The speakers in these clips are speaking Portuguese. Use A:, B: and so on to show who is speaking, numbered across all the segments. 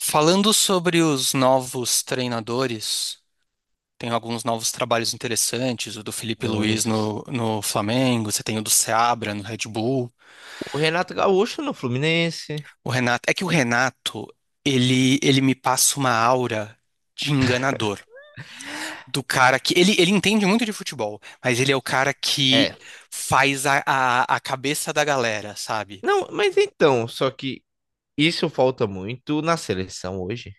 A: Falando sobre os novos treinadores, tem alguns novos trabalhos interessantes, o do Felipe Luiz
B: Muitos.
A: no Flamengo, você tem o do Seabra no Red Bull.
B: O Renato Gaúcho no Fluminense.
A: O Renato, é que o Renato, ele me passa uma aura de enganador. Do cara que. Ele entende muito de futebol, mas ele é o cara que
B: É.
A: faz a cabeça da galera, sabe?
B: Não, mas então, só que isso falta muito na seleção hoje.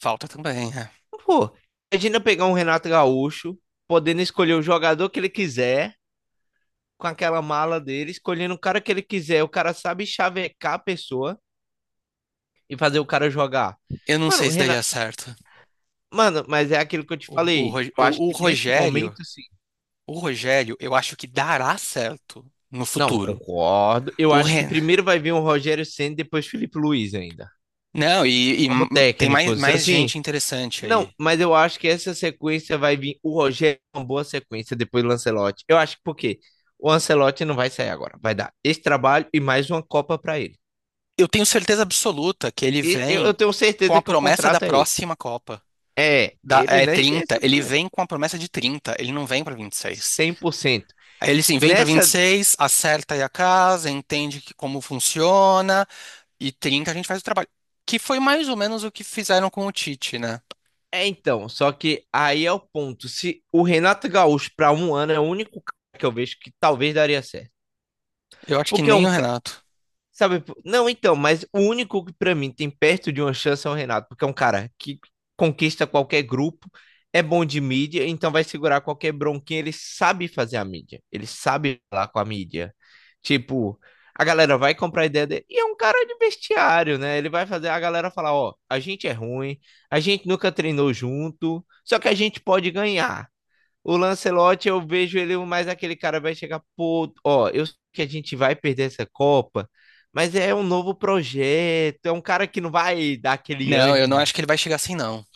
A: Falta também, né?
B: Pô, imagina pegar um Renato Gaúcho, podendo escolher o jogador que ele quiser, com aquela mala dele, escolhendo o cara que ele quiser. O cara sabe chavecar a pessoa e fazer o cara jogar.
A: Eu não
B: Mano,
A: sei se daria
B: Renato,
A: certo.
B: mano, mas é aquilo que eu te
A: O, o, Ro-
B: falei. Eu acho
A: o o
B: que nesse
A: Rogério.
B: momento, sim.
A: O Rogério, eu acho que dará certo no
B: Não,
A: futuro.
B: concordo. Eu
A: O
B: acho que
A: Ren...
B: primeiro vai vir um Rogério Ceni, depois Felipe Luiz ainda.
A: Não, e
B: Como
A: tem mais,
B: técnicos.
A: mais
B: Assim,
A: gente interessante
B: não,
A: aí.
B: mas eu acho que essa sequência vai vir. O Rogério é uma boa sequência depois do Ancelotti. Eu acho que por quê? O Ancelotti não vai sair agora. Vai dar esse trabalho e mais uma Copa para ele.
A: Eu tenho certeza absoluta que ele
B: E eu,
A: vem
B: eu tenho
A: com
B: certeza
A: a
B: que o
A: promessa da
B: contrato é esse.
A: próxima Copa.
B: É,
A: Da,
B: ele
A: é
B: nem tem
A: 30,
B: essa
A: ele
B: primeira.
A: vem com a promessa de 30. Ele não vem para 26.
B: Cem por cento.
A: Aí ele sim, vem para vinte e
B: Nessa.
A: seis, acerta aí a casa, entende que, como funciona, e 30 a gente faz o trabalho. Que foi mais ou menos o que fizeram com o Tite, né?
B: É, então, só que aí é o ponto. Se o Renato Gaúcho, para um ano, é o único cara que eu vejo que talvez daria certo.
A: Eu acho que
B: Porque é
A: nem
B: um.
A: o Renato.
B: Sabe, pô, não, então, mas o único que pra mim tem perto de uma chance é o Renato, porque é um cara que conquista qualquer grupo, é bom de mídia, então vai segurar qualquer bronquinha, ele sabe fazer a mídia, ele sabe falar com a mídia. Tipo, a galera vai comprar a ideia dele, e é um cara de vestiário, né? Ele vai fazer a galera falar, ó, a gente é ruim, a gente nunca treinou junto, só que a gente pode ganhar. O Lancelotti, eu vejo ele mais aquele cara vai chegar, pô, ó, eu sei que a gente vai perder essa Copa, mas é um novo projeto, é um cara que não vai dar aquele
A: Não, eu não
B: ânimo,
A: acho que ele vai chegar assim, não.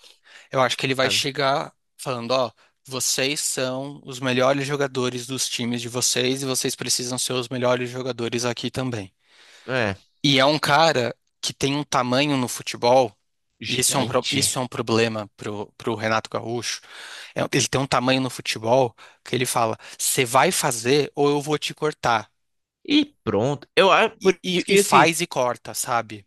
A: Eu acho que ele vai
B: sabe?
A: chegar falando, ó, vocês são os melhores jogadores dos times de vocês e vocês precisam ser os melhores jogadores aqui também.
B: É,
A: E é um cara que tem um tamanho no futebol, e isso é isso
B: gigante.
A: é um problema pro Renato Gaúcho. Ele tem um tamanho no futebol que ele fala: você vai fazer ou eu vou te cortar.
B: E pronto. Eu acho
A: E,
B: por
A: e-
B: isso
A: e
B: que assim,
A: faz e corta, sabe?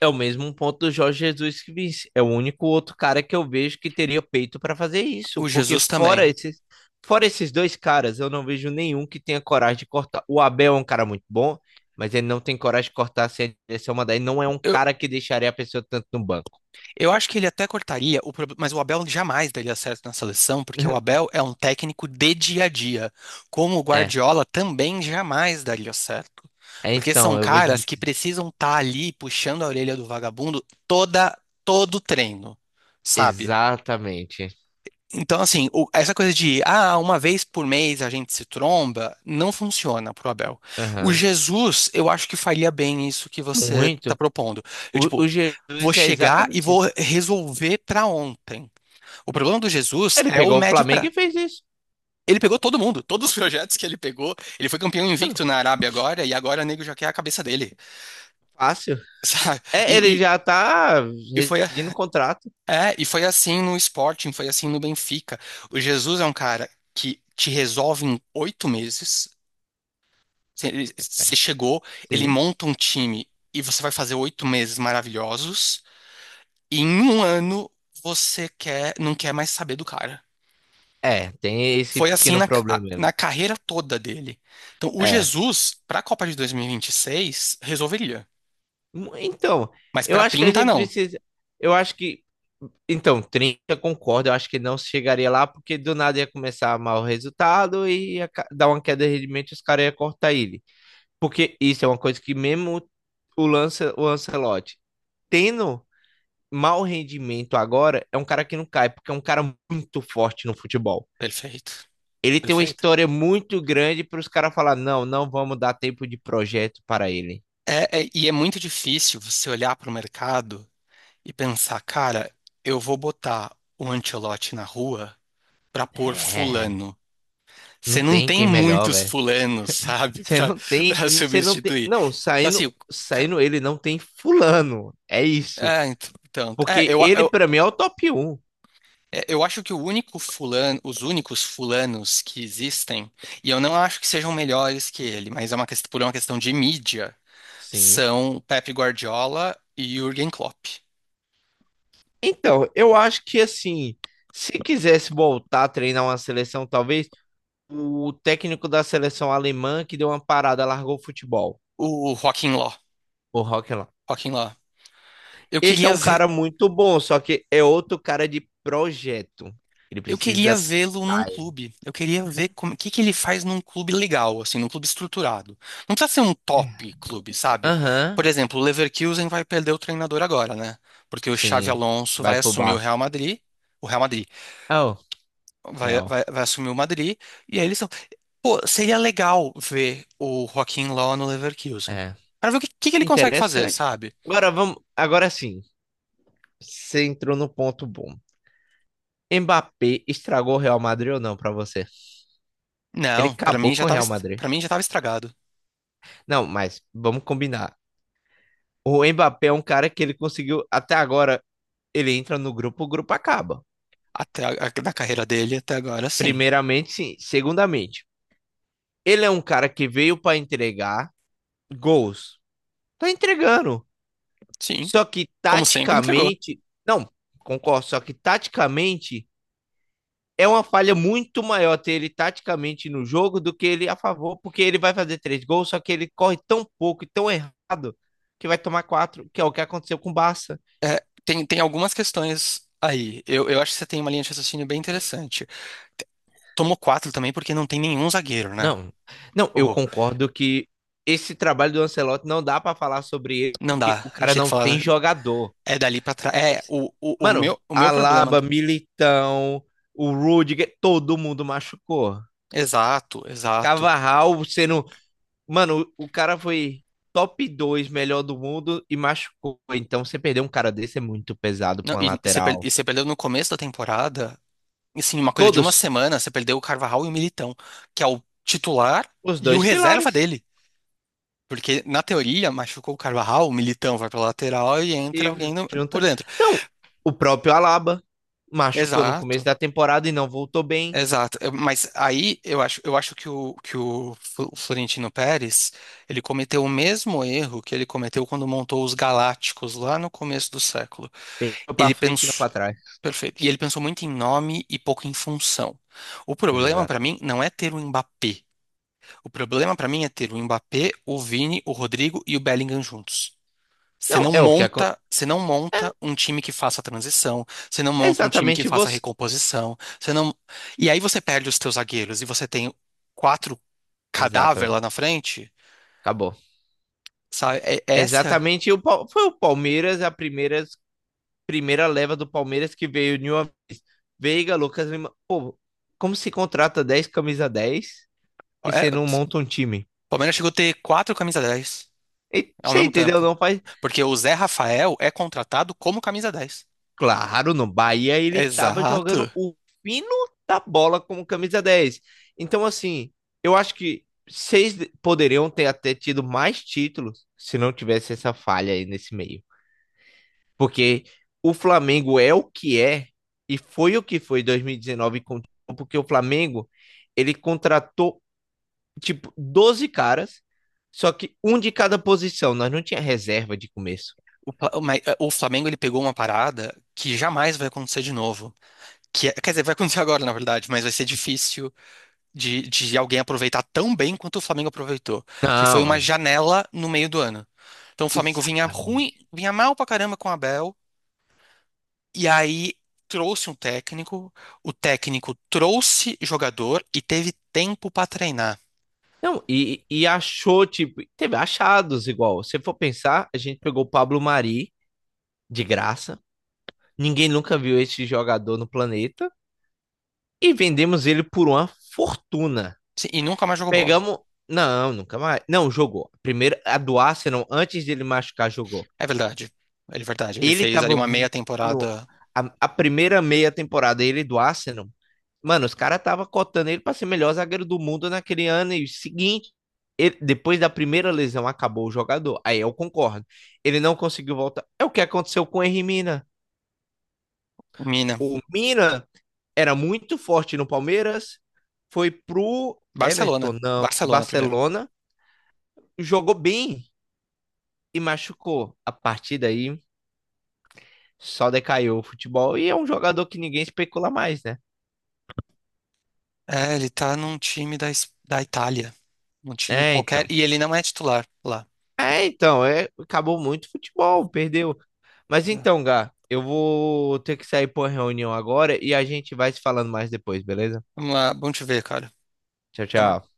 B: é o mesmo ponto do Jorge Jesus que disse. É o único outro cara que eu vejo que teria peito para fazer isso.
A: O
B: Porque
A: Jesus
B: fora
A: também.
B: esses, dois caras, eu não vejo nenhum que tenha coragem de cortar. O Abel é um cara muito bom, mas ele não tem coragem de cortar se a direção mandar. Ele não é um cara que deixaria a pessoa tanto no banco.
A: Eu acho que ele até cortaria, mas o Abel jamais daria certo na seleção, porque o Abel é um técnico de dia a dia, como o
B: É.
A: Guardiola também jamais daria certo.
B: É,
A: Porque são
B: então, eu vejo
A: caras que
B: muito-
A: precisam estar ali puxando a orelha do vagabundo toda todo treino, sabe?
B: Exatamente.
A: Então, assim, essa coisa de, ah, uma vez por mês a gente se tromba, não funciona pro Abel. O
B: Aham.
A: Jesus, eu acho que faria bem isso que você tá
B: Muito.
A: propondo. Eu,
B: O,
A: tipo,
B: o
A: vou
B: Jesus é
A: chegar e
B: exatamente isso.
A: vou resolver para ontem. O problema do Jesus
B: Ele
A: é o
B: pegou o
A: médio
B: Flamengo
A: prazo.
B: e fez isso.
A: Ele pegou todo mundo, todos os projetos que ele pegou. Ele foi campeão
B: Mano,
A: invicto na Arábia agora, e agora o nego já quer a cabeça dele.
B: fácil.
A: Sabe? E,
B: É, ele
A: e,
B: já tá
A: e, foi,
B: rescindindo o contrato.
A: e foi assim no Sporting, foi assim no Benfica. O Jesus é um cara que te resolve em oito meses. Você chegou, ele
B: Sim.
A: monta um time e você vai fazer oito meses maravilhosos. E em um ano você quer, não quer mais saber do cara.
B: É, tem esse
A: Foi assim
B: pequeno
A: na,
B: problema mesmo.
A: na carreira toda dele. Então, o
B: É.
A: Jesus, para a Copa de 2026, resolveria.
B: Então,
A: Mas
B: eu
A: para
B: acho que a
A: 30
B: gente
A: não.
B: precisa. Eu acho que. Então, 30, concordo, eu acho que não chegaria lá, porque do nada ia começar a mal o resultado e dar uma queda de rendimento e os caras iam cortar ele. Porque isso é uma coisa que mesmo o Ancelotti tendo mau rendimento agora, é um cara que não cai, porque é um cara muito forte no futebol.
A: Perfeito.
B: Ele tem uma
A: Perfeito.
B: história muito grande para os caras falar, não, não vamos dar tempo de projeto para ele.
A: É é muito difícil você olhar para o mercado e pensar, cara, eu vou botar o Ancelotti na rua para pôr
B: É,
A: fulano.
B: não
A: Você não
B: tem
A: tem
B: quem melhor,
A: muitos
B: velho.
A: fulanos, sabe,
B: Você
A: para
B: não tem, você não tem,
A: substituir.
B: não,
A: Então, assim,
B: saindo,
A: o ca-
B: saindo ele não tem fulano. É isso.
A: é, então, então, é,
B: Porque ele
A: eu,
B: para mim é o top um.
A: É, Eu acho que os únicos fulanos que existem, e eu não acho que sejam melhores que ele, mas é por uma questão de mídia,
B: Sim.
A: são Pep Guardiola e Jürgen Klopp.
B: Então, eu acho que assim, se quisesse voltar a treinar uma seleção, talvez o técnico da seleção alemã que deu uma parada, largou o futebol,
A: O Joaquim Ló,
B: o Rock.
A: Joaquim Ló. Eu
B: Esse é
A: queria
B: um
A: ver,
B: cara muito bom, só que é outro cara de projeto. Ele
A: eu queria
B: precisa.
A: vê-lo num
B: Ai.
A: clube. Eu queria ver como, o que que ele faz num clube legal, assim, num clube estruturado. Não precisa ser um top clube, sabe?
B: Aham,
A: Por exemplo, o Leverkusen vai perder o treinador agora, né? Porque o Xavi
B: sim.
A: Alonso
B: Vai
A: vai
B: pro
A: assumir o
B: Barça.
A: Real Madrid. O Real Madrid
B: Oh,
A: vai,
B: real.
A: vai, vai assumir o Madrid. E aí eles estão. Pô, seria legal ver o Joaquim Low no Leverkusen.
B: É.
A: Pra ver o que, que ele consegue fazer,
B: Interessante.
A: sabe?
B: Agora vamos. Agora sim. Você entrou no ponto bom. Mbappé estragou o Real Madrid ou não pra você? Ele
A: Não, pra
B: acabou
A: mim já
B: com o
A: tava,
B: Real Madrid.
A: Para mim já tava estragado.
B: Não, mas vamos combinar. O Mbappé é um cara que ele conseguiu até agora. Ele entra no grupo, o grupo acaba.
A: Até na carreira dele até agora, sim.
B: Primeiramente, sim. Segundamente. Ele é um cara que veio para entregar gols. Tá entregando.
A: Sim.
B: Só que
A: Como sempre, entregou.
B: taticamente, não, concordo, só que taticamente é uma falha muito maior ter ele taticamente no jogo do que ele a favor, porque ele vai fazer três gols, só que ele corre tão pouco e tão errado que vai tomar quatro, que é o que aconteceu com o Barça.
A: É, tem algumas questões aí. Eu acho que você tem uma linha de raciocínio bem interessante. Tomou quatro também porque não tem nenhum zagueiro, né?
B: Não, não, eu
A: Oh,
B: concordo que esse trabalho do Ancelotti não dá para falar sobre ele,
A: não
B: porque
A: dá.
B: o
A: A gente
B: cara
A: tem que
B: não tem
A: falar.
B: jogador.
A: É dali pra trás. É,
B: Mano,
A: o meu problema.
B: Alaba, Militão, o Rudiger, todo mundo machucou.
A: Exato, exato.
B: Cavarral sendo. Mano, o cara foi top 2 melhor do mundo e machucou. Então, você perder um cara desse é muito pesado
A: Não,
B: pra uma
A: e, e você per-
B: lateral.
A: e você perdeu no começo da temporada, assim, uma coisa de uma
B: Todos,
A: semana, você perdeu o Carvajal e o Militão, que é o titular
B: os
A: e o
B: dois
A: reserva
B: pilares.
A: dele. Porque, na teoria, machucou o Carvajal, o Militão vai pra lateral e entra alguém
B: E
A: por
B: junta.
A: dentro.
B: Não, o próprio Alaba machucou no começo
A: Exato,
B: da temporada e não voltou bem.
A: exato. Mas aí eu acho que que o Florentino Pérez, ele cometeu o mesmo erro que ele cometeu quando montou os Galácticos lá no começo do século.
B: Pegou pra
A: Ele
B: frente e não
A: pensou.
B: pra trás.
A: Perfeito. E ele pensou muito em nome e pouco em função. O problema pra
B: Exato.
A: mim não é ter o Mbappé. O problema pra mim é ter o Mbappé, o Vini, o Rodrigo e o Bellingham juntos.
B: Não, é o que acontece.
A: Você não monta um time que faça a transição, você não
B: É
A: monta um time que
B: exatamente
A: faça a
B: você.
A: recomposição, você não. E aí você perde os teus zagueiros e você tem quatro cadáver
B: Exatamente.
A: lá na frente,
B: Acabou.
A: sabe? É- é essa
B: Exatamente, foi o Palmeiras, a primeira leva do Palmeiras que veio de uma vez. Veiga, Lucas Lima. Pô, como se contrata 10 camisa 10 e
A: é-
B: você não
A: o
B: monta um time?
A: Palmeiras chegou a ter quatro camisa 10
B: E,
A: ao
B: você
A: mesmo
B: entendeu?
A: tempo.
B: Não faz.
A: Porque o Zé Rafael é contratado como camisa 10.
B: Claro, no Bahia ele tava jogando
A: Exato.
B: o fino da bola como camisa dez. Então, assim, eu acho que vocês poderiam ter até tido mais títulos se não tivesse essa falha aí nesse meio. Porque o Flamengo é o que é e foi o que foi em 2019, porque o Flamengo ele contratou tipo 12 caras, só que um de cada posição. Nós não tinha reserva de começo.
A: O, Pla- o Ma- o Flamengo ele pegou uma parada que jamais vai acontecer de novo. Quer dizer, vai acontecer agora, na verdade, mas vai ser difícil de alguém aproveitar tão bem quanto o Flamengo aproveitou, que foi
B: Não,
A: uma janela no meio do ano. Então o Flamengo vinha ruim,
B: exatamente.
A: vinha mal pra caramba com o Abel, e aí trouxe um técnico, o técnico trouxe jogador e teve tempo pra treinar.
B: Não, e achou, tipo, teve achados igual. Se for pensar, a gente pegou o Pablo Mari de graça. Ninguém nunca viu esse jogador no planeta. E vendemos ele por uma fortuna.
A: Sim, e nunca mais jogou bola.
B: Pegamos. Não, nunca mais. Não, jogou. Primeiro, a do Arsenal, antes dele machucar, jogou.
A: É verdade. É verdade. Ele
B: Ele
A: fez ali
B: tava
A: uma meia
B: vo- no,
A: temporada
B: a primeira meia temporada, ele do Arsenal. Mano, os caras tava cotando ele pra ser melhor zagueiro do mundo naquele ano. E o seguinte, depois da primeira lesão, acabou o jogador. Aí eu concordo. Ele não conseguiu voltar. É o que aconteceu com o Henry Mina. O Mina era muito forte no Palmeiras, foi pro
A: Barcelona.
B: Everton, não,
A: Barcelona primeiro.
B: Barcelona, jogou bem. E machucou. A partir daí, só decaiu o futebol. E é um jogador que ninguém especula mais, né?
A: É, ele tá num time da, da Itália. Um time
B: É,
A: qualquer.
B: então.
A: E ele não é titular lá.
B: É, então. É, acabou muito o futebol, perdeu. Mas
A: É.
B: então, Gá, eu vou ter que sair por reunião agora e a gente vai se falando mais depois, beleza?
A: Vamos lá, vamos te ver, cara.
B: Tchau,
A: Até
B: tchau.
A: mais.